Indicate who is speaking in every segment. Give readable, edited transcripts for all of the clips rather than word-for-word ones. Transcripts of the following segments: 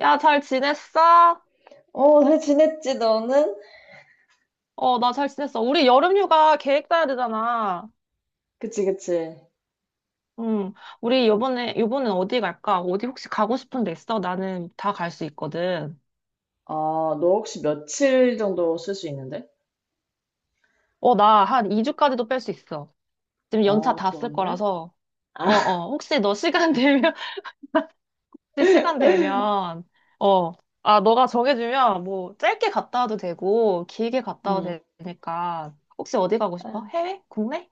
Speaker 1: 야, 잘 지냈어?
Speaker 2: 어, 잘 지냈지, 너는?
Speaker 1: 어, 나 잘 지냈어. 우리 여름휴가 계획 짜야 되잖아.
Speaker 2: 그치, 그치.
Speaker 1: 응. 우리 요번엔 어디 갈까? 어디 혹시 가고 싶은 데 있어? 나는 다 갈 수 있거든.
Speaker 2: 아, 너 혹시 며칠 정도 쓸 수 있는데?
Speaker 1: 어, 나 한 2주까지도 뺄 수 있어. 지금 연차
Speaker 2: 어,
Speaker 1: 다 쓸
Speaker 2: 좋은데?
Speaker 1: 거라서.
Speaker 2: 아,
Speaker 1: 어, 어. 혹시 너 시간 되면, 혹시 시간 되면, 어. 아, 너가 정해주면 뭐 짧게 갔다 와도 되고, 길게 갔다
Speaker 2: 응.
Speaker 1: 와도 되니까. 혹시 어디 가고 싶어?
Speaker 2: 아,
Speaker 1: 해외? 국내?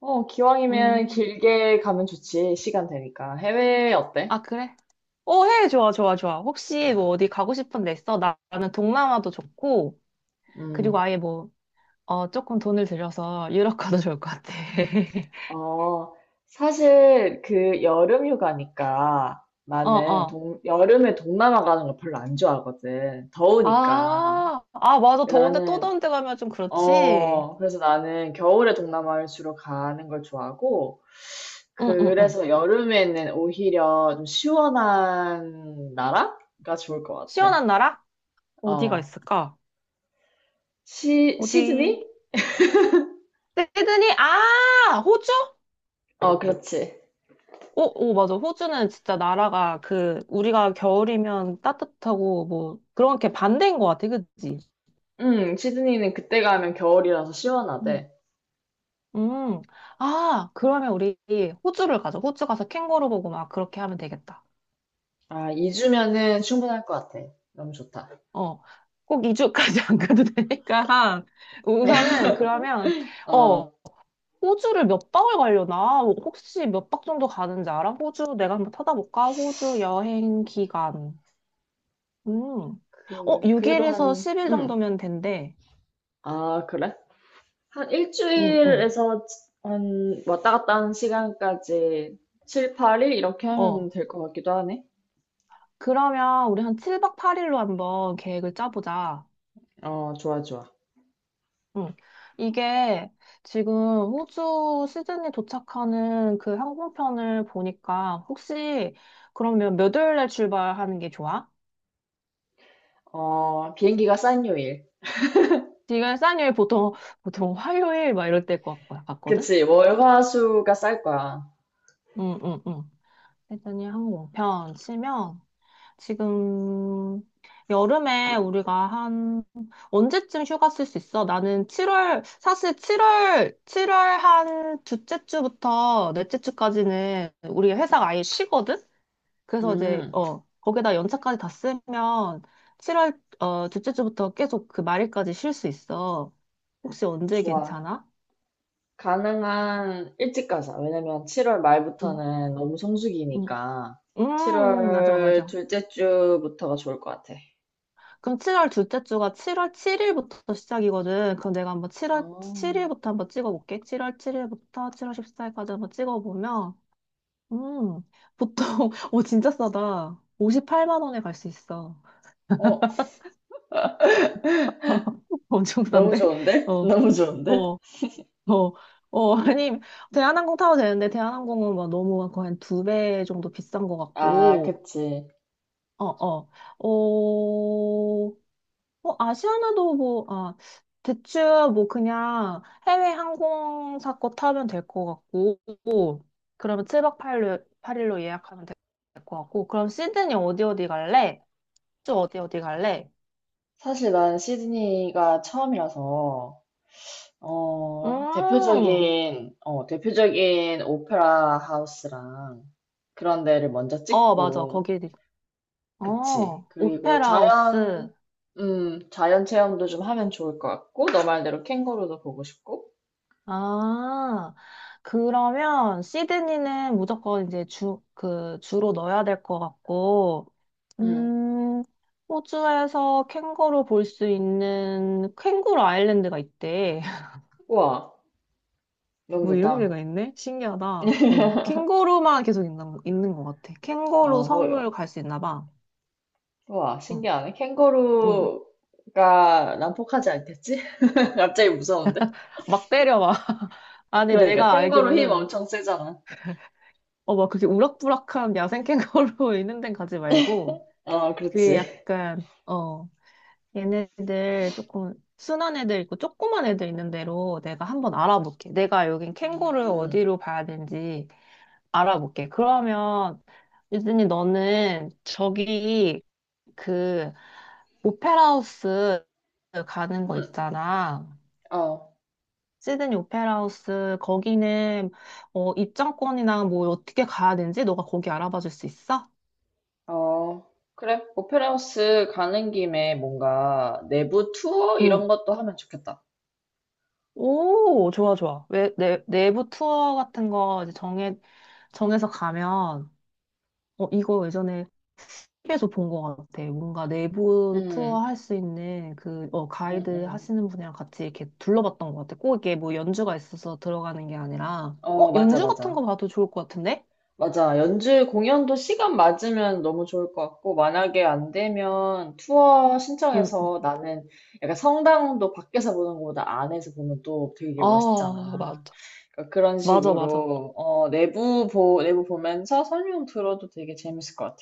Speaker 2: 어, 기왕이면
Speaker 1: 음.
Speaker 2: 길게 가면 좋지, 시간 되니까. 해외 어때?
Speaker 1: 아, 그래? 어, 해. 좋아, 좋아, 좋아. 혹시 뭐 어디 가고 싶은 데 있어? 나는 동남아도 좋고, 그리고
Speaker 2: 음.
Speaker 1: 아예 뭐, 조금 돈을 들여서 유럽 가도 좋을 것 같아.
Speaker 2: 어, 사실 그 여름 휴가니까
Speaker 1: 어,
Speaker 2: 나는
Speaker 1: 어.
Speaker 2: 여름에 동남아 가는 거 별로 안 좋아하거든. 더우니까.
Speaker 1: 아, 아, 맞아. 더운데 또
Speaker 2: 나는
Speaker 1: 더운데 가면 좀 그렇지.
Speaker 2: 그래서 나는 겨울에 동남아를 주로 가는 걸 좋아하고,
Speaker 1: 응, 응, 응.
Speaker 2: 그래서 여름에는 오히려 좀 시원한 나라가 좋을 것 같아.
Speaker 1: 시원한 나라? 어디가
Speaker 2: 어,
Speaker 1: 있을까? 어디?
Speaker 2: 시드니?
Speaker 1: 시드니? 아, 호주?
Speaker 2: 어, 그렇지.
Speaker 1: 오, 오, 맞아. 호주는 진짜 나라가 그, 우리가 겨울이면 따뜻하고 뭐, 그런 게 반대인 것 같아. 그치?
Speaker 2: 응, 시드니는 그때 가면 겨울이라서
Speaker 1: 응.
Speaker 2: 시원하대.
Speaker 1: 음. 아, 그러면 우리 호주를 가자. 호주 가서 캥거루 보고 막 그렇게 하면 되겠다.
Speaker 2: 아, 2주면은 충분할 것 같아. 너무 좋다.
Speaker 1: 어. 꼭 2주까지 안 가도 되니까. 우선은 그러면, 어,
Speaker 2: 어,
Speaker 1: 호주를 몇 박을 가려나? 뭐 혹시 몇 박 정도 가는지 알아? 호주 내가 한번 찾아볼까? 호주 여행 기간. 음. 어,
Speaker 2: 그래도
Speaker 1: 6일에서
Speaker 2: 한,
Speaker 1: 10일
Speaker 2: 응.
Speaker 1: 정도면 된대.
Speaker 2: 아, 그래? 한
Speaker 1: 응, 응,
Speaker 2: 일주일에서 한 왔다 갔다 하는 시간까지 7, 8일 이렇게 하면
Speaker 1: 어.
Speaker 2: 될 것 같기도 하네.
Speaker 1: 그러면 우리 한 7박 8일로 한번 계획을 짜보자.
Speaker 2: 어, 좋아, 좋아.
Speaker 1: 응. 이게 지금 호주 시드니 도착하는 그 항공편을 보니까 혹시 그러면 몇 월에 출발하는 게 좋아?
Speaker 2: 어, 비행기가 싼 요일.
Speaker 1: 지금 싼일 보통 화요일 막 이럴 때일 것 거든.
Speaker 2: 그치, 월화수가 쌀 거야.
Speaker 1: 응, 응, 응. 시드니 항공편 치면 지금 여름에 우리가 한 언제쯤 휴가 쓸 수 있어? 나는 7월 사실 7월 칠월 한 둘째 주부터 넷째 주까지는 우리 회사가 아예 쉬거든? 그래서 이제
Speaker 2: 음,
Speaker 1: 거기다 연차까지 다 쓰면 7월 둘째 주부터 계속 그 말일까지 쉴 수 있어. 혹시 언제
Speaker 2: 좋아.
Speaker 1: 괜찮아?
Speaker 2: 가능한 일찍 가자. 왜냐면 7월
Speaker 1: 응,
Speaker 2: 말부터는 너무
Speaker 1: 응.
Speaker 2: 성수기니까
Speaker 1: 음, 맞아,
Speaker 2: 7월
Speaker 1: 맞아.
Speaker 2: 둘째 주부터가 좋을 것 같아.
Speaker 1: 그럼 7월 둘째 주가 7월 7일부터 시작이거든. 그럼 내가 한번 7월
Speaker 2: 어,
Speaker 1: 7일부터 한번 찍어볼게. 7월 7일부터 7월 14일까지 한번 찍어보면, 음, 보통, 오, 진짜 싸다. 58만 원에 갈 수 있어.
Speaker 2: 어,
Speaker 1: 엄청
Speaker 2: 너무
Speaker 1: 싼데?
Speaker 2: 좋은데?
Speaker 1: 어,
Speaker 2: 너무 좋은데?
Speaker 1: 어. 어, 어, 아니, 대한항공 타도 되는데, 대한항공은 막 너무 막 거의 한두 배 정도 비싼 것
Speaker 2: 아,
Speaker 1: 같고,
Speaker 2: 그치.
Speaker 1: 어, 어, 어, 뭐, 아시아나도 뭐, 아, 대충 뭐 그냥 해외 항공사 거 타면 될 것 같고, 그러면 7박 8일, 팔일로 예약하면 될 것 같고, 그럼 시드니 어디 어디 갈래? 쭉 어디 어디 갈래?
Speaker 2: 사실 난 시드니가 처음이라서 어,
Speaker 1: 음,
Speaker 2: 대표적인 오페라 하우스랑 그런 데를 먼저
Speaker 1: 어, 맞아,
Speaker 2: 찍고.
Speaker 1: 거기,
Speaker 2: 그치.
Speaker 1: 어,
Speaker 2: 그리고
Speaker 1: 오페라 하우스.
Speaker 2: 자연 체험도 좀 하면 좋을 것 같고, 너 말대로 캥거루도 보고 싶고.
Speaker 1: 아, 그러면 시드니는 무조건 이제 주로 넣어야 될 것 같고,
Speaker 2: 음.
Speaker 1: 음, 호주에서 캥거루 볼 수 있는 캥거루 아일랜드가 있대.
Speaker 2: 우와, 너무
Speaker 1: 뭐 이런 데가
Speaker 2: 좋다.
Speaker 1: 있네? 신기하다. 응. 캥거루만 계속 있는 것 같아.
Speaker 2: 아,
Speaker 1: 캥거루
Speaker 2: 허,
Speaker 1: 섬을 갈 수 있나 봐.
Speaker 2: 우와,
Speaker 1: 응,
Speaker 2: 신기하네.
Speaker 1: 응.
Speaker 2: 캥거루가 난폭하지 않겠지? 갑자기 무서운데?
Speaker 1: 막 때려봐. 아니,
Speaker 2: 그러니까
Speaker 1: 내가
Speaker 2: 캥거루 힘
Speaker 1: 알기로는,
Speaker 2: 엄청 세잖아.
Speaker 1: 막 그렇게 우락부락한 야생 캥거루 있는 데 가지 말고,
Speaker 2: 어,
Speaker 1: 그게
Speaker 2: 그렇지.
Speaker 1: 약간, 얘네들 조금 순한 애들 있고 조그만 애들 있는 대로 내가 한번 알아볼게. 내가 여긴 캥거루를
Speaker 2: 음,
Speaker 1: 어디로 봐야 되는지 알아볼게. 그러면 유진이 너는 저기 그 오페라 하우스 가는 거
Speaker 2: 음,
Speaker 1: 있잖아.
Speaker 2: 어,
Speaker 1: 시드니 오페라 하우스 거기는 입장권이나 뭐 어떻게 가야 되는지 너가 거기 알아봐 줄 수 있어?
Speaker 2: 어, 그래. 오페라 하우스 가는 김에 뭔가 내부 투어 이런
Speaker 1: 응.
Speaker 2: 것도 하면 좋겠다.
Speaker 1: 오, 좋아, 좋아. 왜, 내부 투어 같은 거 이제 정해서 가면, 이거 예전에 TV에서 본 것 같아. 뭔가 내부 투어
Speaker 2: 음,
Speaker 1: 할 수 있는 그,
Speaker 2: 음,
Speaker 1: 가이드
Speaker 2: 음.
Speaker 1: 하시는 분이랑 같이 이렇게 둘러봤던 것 같아. 꼭 이게 뭐 연주가 있어서 들어가는 게 아니라,
Speaker 2: 어, 맞아,
Speaker 1: 연주 같은 거
Speaker 2: 맞아.
Speaker 1: 봐도 좋을 것 같은데?
Speaker 2: 맞아. 연주 공연도 시간 맞으면 너무 좋을 것 같고, 만약에 안 되면 투어
Speaker 1: 응.
Speaker 2: 신청해서 나는 약간, 성당도 밖에서 보는 것보다 안에서 보면 또 되게
Speaker 1: 아,
Speaker 2: 멋있잖아.
Speaker 1: 맞아.
Speaker 2: 그러니까 그런
Speaker 1: 맞아, 맞아.
Speaker 2: 식으로, 어, 내부 보면서 설명 들어도 되게 재밌을 것 같아.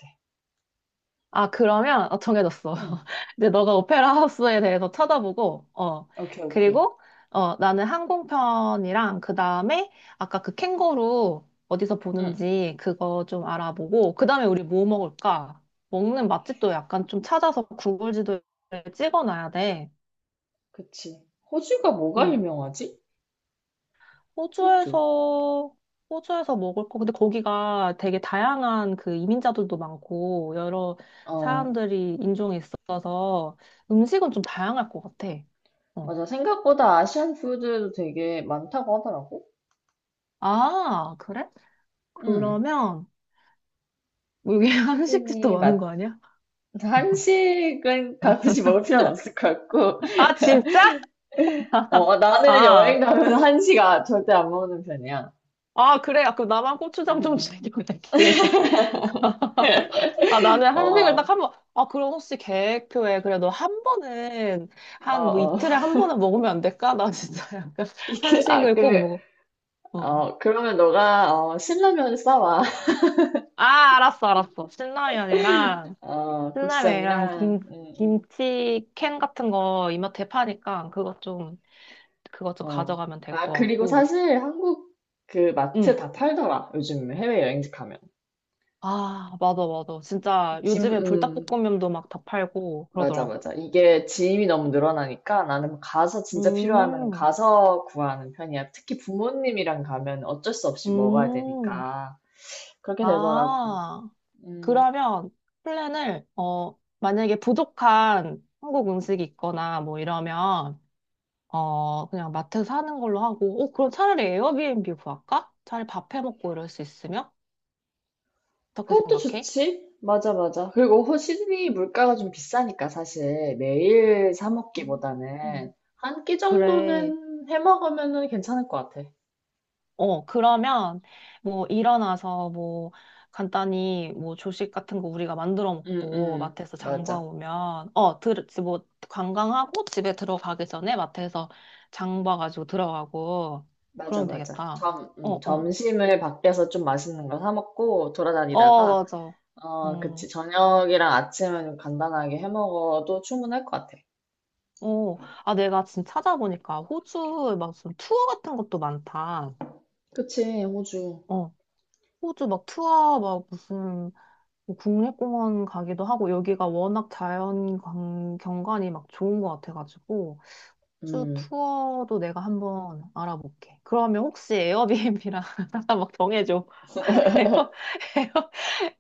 Speaker 1: 아, 그러면, 정해졌어.
Speaker 2: 음.
Speaker 1: 이제 너가 오페라 하우스에 대해서 찾아보고,
Speaker 2: 오케이, 오케이.
Speaker 1: 그리고, 나는 항공편이랑, 그 다음에, 아까 그 캥거루 어디서
Speaker 2: 응,
Speaker 1: 보는지 그거 좀 알아보고, 그 다음에 우리 뭐 먹을까? 먹는 맛집도 약간 좀 찾아서 구글 지도에 찍어 놔야 돼.
Speaker 2: 그치. 호주가 뭐가
Speaker 1: 응.
Speaker 2: 유명하지? 호주.
Speaker 1: 호주에서, 호주에서 먹을 거. 근데 거기가 되게 다양한 그 이민자들도 많고, 여러
Speaker 2: 어,
Speaker 1: 사람들이 인종이 있어서 음식은 좀 다양할 것 같아. 어.
Speaker 2: 맞아. 생각보다 아시안 푸드도 되게 많다고 하더라고.
Speaker 1: 아, 그래?
Speaker 2: 응.
Speaker 1: 그러면, 여기 한식집도
Speaker 2: 시드니
Speaker 1: 많은
Speaker 2: 맛,
Speaker 1: 거 아니야?
Speaker 2: 한식은 굳이 먹을 필요는 없을 것 같고,
Speaker 1: 아, 진짜?
Speaker 2: 어, 어, 나는
Speaker 1: 아,
Speaker 2: 여행 가면 한식 아, 절대 안 먹는 편이야.
Speaker 1: 아, 그래. 아, 그럼 나만 고추장 좀
Speaker 2: 음,
Speaker 1: 챙겨갈게. 아, 나는
Speaker 2: 어,
Speaker 1: 한식을 딱
Speaker 2: 어,
Speaker 1: 한 번, 그럼 혹시 계획표에 그래도 한 번은, 한 뭐
Speaker 2: 어.
Speaker 1: 이틀에 한 번은 먹으면 안 될까? 나 진짜 약간
Speaker 2: 이게, 아,
Speaker 1: 한식을 꼭
Speaker 2: 그,
Speaker 1: 먹어. 어.
Speaker 2: 어, 그러면 너가, 어, 신라면 싸와.
Speaker 1: 아, 알았어, 알았어.
Speaker 2: 어,
Speaker 1: 신라면이랑
Speaker 2: 고추장이랑, 응, 응.
Speaker 1: 김치 캔 같은 거 이마트에 파니까 그것 좀
Speaker 2: 어.
Speaker 1: 가져가면 될
Speaker 2: 아,
Speaker 1: 것
Speaker 2: 그리고
Speaker 1: 같고.
Speaker 2: 사실 한국 그 마트
Speaker 1: 응.
Speaker 2: 다 팔더라, 요즘 해외여행지 가면.
Speaker 1: 아, 맞아, 맞아. 진짜
Speaker 2: 짐,
Speaker 1: 요즘에 불닭볶음면도 막 다 팔고
Speaker 2: 맞아,
Speaker 1: 그러더라고.
Speaker 2: 맞아. 이게 짐이 너무 늘어나니까 나는 가서 진짜 필요하면
Speaker 1: 음,
Speaker 2: 가서 구하는 편이야. 특히 부모님이랑 가면 어쩔 수 없이 먹어야
Speaker 1: 음.
Speaker 2: 되니까. 그렇게 되더라고.
Speaker 1: 아.
Speaker 2: 음,
Speaker 1: 그러면 플랜을, 만약에 부족한 한국 음식이 있거나 뭐 이러면, 그냥 마트에서 사는 걸로 하고, 그럼 차라리 에어비앤비 구할까? 차라리 밥해 먹고 이럴 수 있으면? 어떻게
Speaker 2: 그것도
Speaker 1: 생각해?
Speaker 2: 좋지. 맞아, 맞아. 그리고 시드니 물가가 좀 비싸니까 사실 매일 사 먹기보다는
Speaker 1: 음.
Speaker 2: 한 끼
Speaker 1: 그래.
Speaker 2: 정도는 해 먹으면은 괜찮을 것 같아.
Speaker 1: 어, 그러면 뭐 일어나서 뭐 간단히 뭐 조식 같은 거 우리가 만들어 먹고 마트에서 장봐
Speaker 2: 맞아.
Speaker 1: 오면 뭐 관광하고 집에 들어가기 전에 마트에서 장 봐가지고 들어가고
Speaker 2: 맞아,
Speaker 1: 그러면
Speaker 2: 맞아.
Speaker 1: 되겠다.
Speaker 2: 점,
Speaker 1: 어,
Speaker 2: 음,
Speaker 1: 어.
Speaker 2: 점심을 밖에서 좀 맛있는 거 사 먹고
Speaker 1: 어,
Speaker 2: 돌아다니다가,
Speaker 1: 맞아.
Speaker 2: 어,
Speaker 1: 음.
Speaker 2: 그치, 저녁이랑 아침은 간단하게 해 먹어도 충분할 것 같아.
Speaker 1: 어. 아, 내가 지금 찾아보니까 호주 막 무슨 투어 같은 것도 많다.
Speaker 2: 그치, 호주.
Speaker 1: 어. 호주 막 투어 막 무슨 뭐 국립공원 가기도 하고 여기가 워낙 경관이 막 좋은 것 같아가지고 주
Speaker 2: 음,
Speaker 1: 투어도 내가 한번 알아볼게. 그러면 혹시 에어비앤비랑 잠깐 막 정해줘. 에어 에어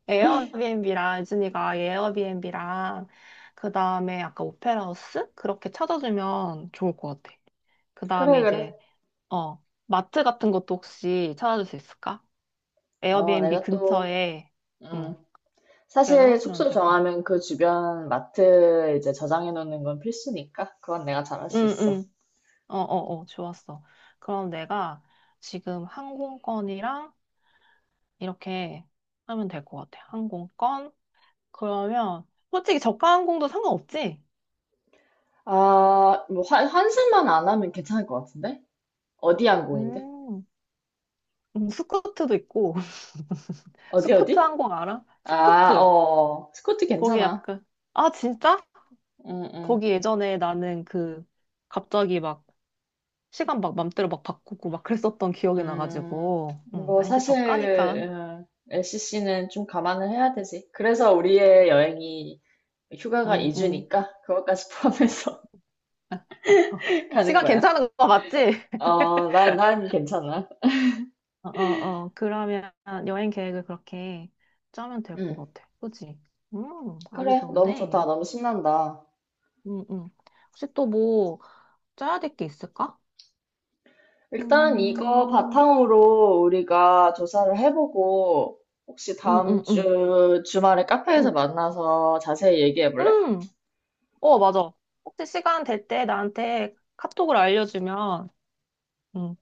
Speaker 1: 에어비앤비랑 유진이가 에어비앤비랑 그 다음에 아까 오페라 하우스 그렇게 찾아주면 좋을 것 같아. 그
Speaker 2: 그래,
Speaker 1: 다음에
Speaker 2: 그래.
Speaker 1: 이제 마트 같은 것도 혹시 찾아줄 수 있을까?
Speaker 2: 어,
Speaker 1: 에어비앤비
Speaker 2: 내가 또,
Speaker 1: 근처에 응
Speaker 2: 음,
Speaker 1: 렇게
Speaker 2: 사실
Speaker 1: 찾아주면
Speaker 2: 숙소
Speaker 1: 될까?
Speaker 2: 정하면 그 주변 마트 이제 저장해 놓는 건 필수니까. 그건 내가 잘 할 수 있어.
Speaker 1: 응응 어, 어, 어, 좋았어. 그럼 내가 지금 항공권이랑 이렇게 하면 될 것 같아. 항공권. 그러면 솔직히 저가 항공도 상관없지?
Speaker 2: 아, 뭐, 환승만 안 하면 괜찮을 것 같은데? 어디 항공인데?
Speaker 1: 음, 스쿠트도 있고.
Speaker 2: 어디,
Speaker 1: 스쿠트
Speaker 2: 어디?
Speaker 1: 항공 알아?
Speaker 2: 아,
Speaker 1: 스쿠트.
Speaker 2: 어, 스쿼트
Speaker 1: 거기
Speaker 2: 괜찮아.
Speaker 1: 약간, 아, 진짜?
Speaker 2: 응응.
Speaker 1: 거기 예전에 나는 그, 갑자기 막, 시간 막 맘대로 막 바꾸고 막 그랬었던 기억이
Speaker 2: 음.
Speaker 1: 나가지고. 응,
Speaker 2: 뭐,
Speaker 1: 아, 근데 저가니까.
Speaker 2: 사실, LCC는 좀 감안을 해야 되지. 그래서 우리의 여행이, 휴가가
Speaker 1: 음, 음.
Speaker 2: 2주니까 그것까지 포함해서 가는
Speaker 1: 시간
Speaker 2: 거야.
Speaker 1: 괜찮은 거 맞지?
Speaker 2: 어, 난 괜찮아.
Speaker 1: 어, 어, 어. 그러면 여행 계획을 그렇게 짜면 될
Speaker 2: 응.
Speaker 1: 것 같아. 그치? 아주
Speaker 2: 그래. 너무 좋다.
Speaker 1: 좋은데.
Speaker 2: 너무 신난다.
Speaker 1: 음, 음. 혹시 또 뭐 짜야 될 게 있을까?
Speaker 2: 일단 이거
Speaker 1: 음,
Speaker 2: 바탕으로 우리가 조사를 해보고, 혹시
Speaker 1: 음,
Speaker 2: 다음
Speaker 1: 음, 음,
Speaker 2: 주 주말에 카페에서
Speaker 1: 음.
Speaker 2: 만나서 자세히 얘기해 볼래?
Speaker 1: 음. 어, 맞아. 혹시 시간 될 때 나한테 카톡을 알려주면, 음,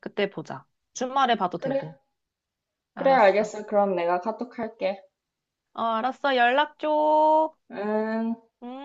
Speaker 1: 그때 보자. 주말에 봐도 되고.
Speaker 2: 그래. 그래,
Speaker 1: 알았어.
Speaker 2: 알겠어. 그럼 내가 카톡 할게.
Speaker 1: 어, 알았어. 연락 줘.
Speaker 2: 응.
Speaker 1: 음.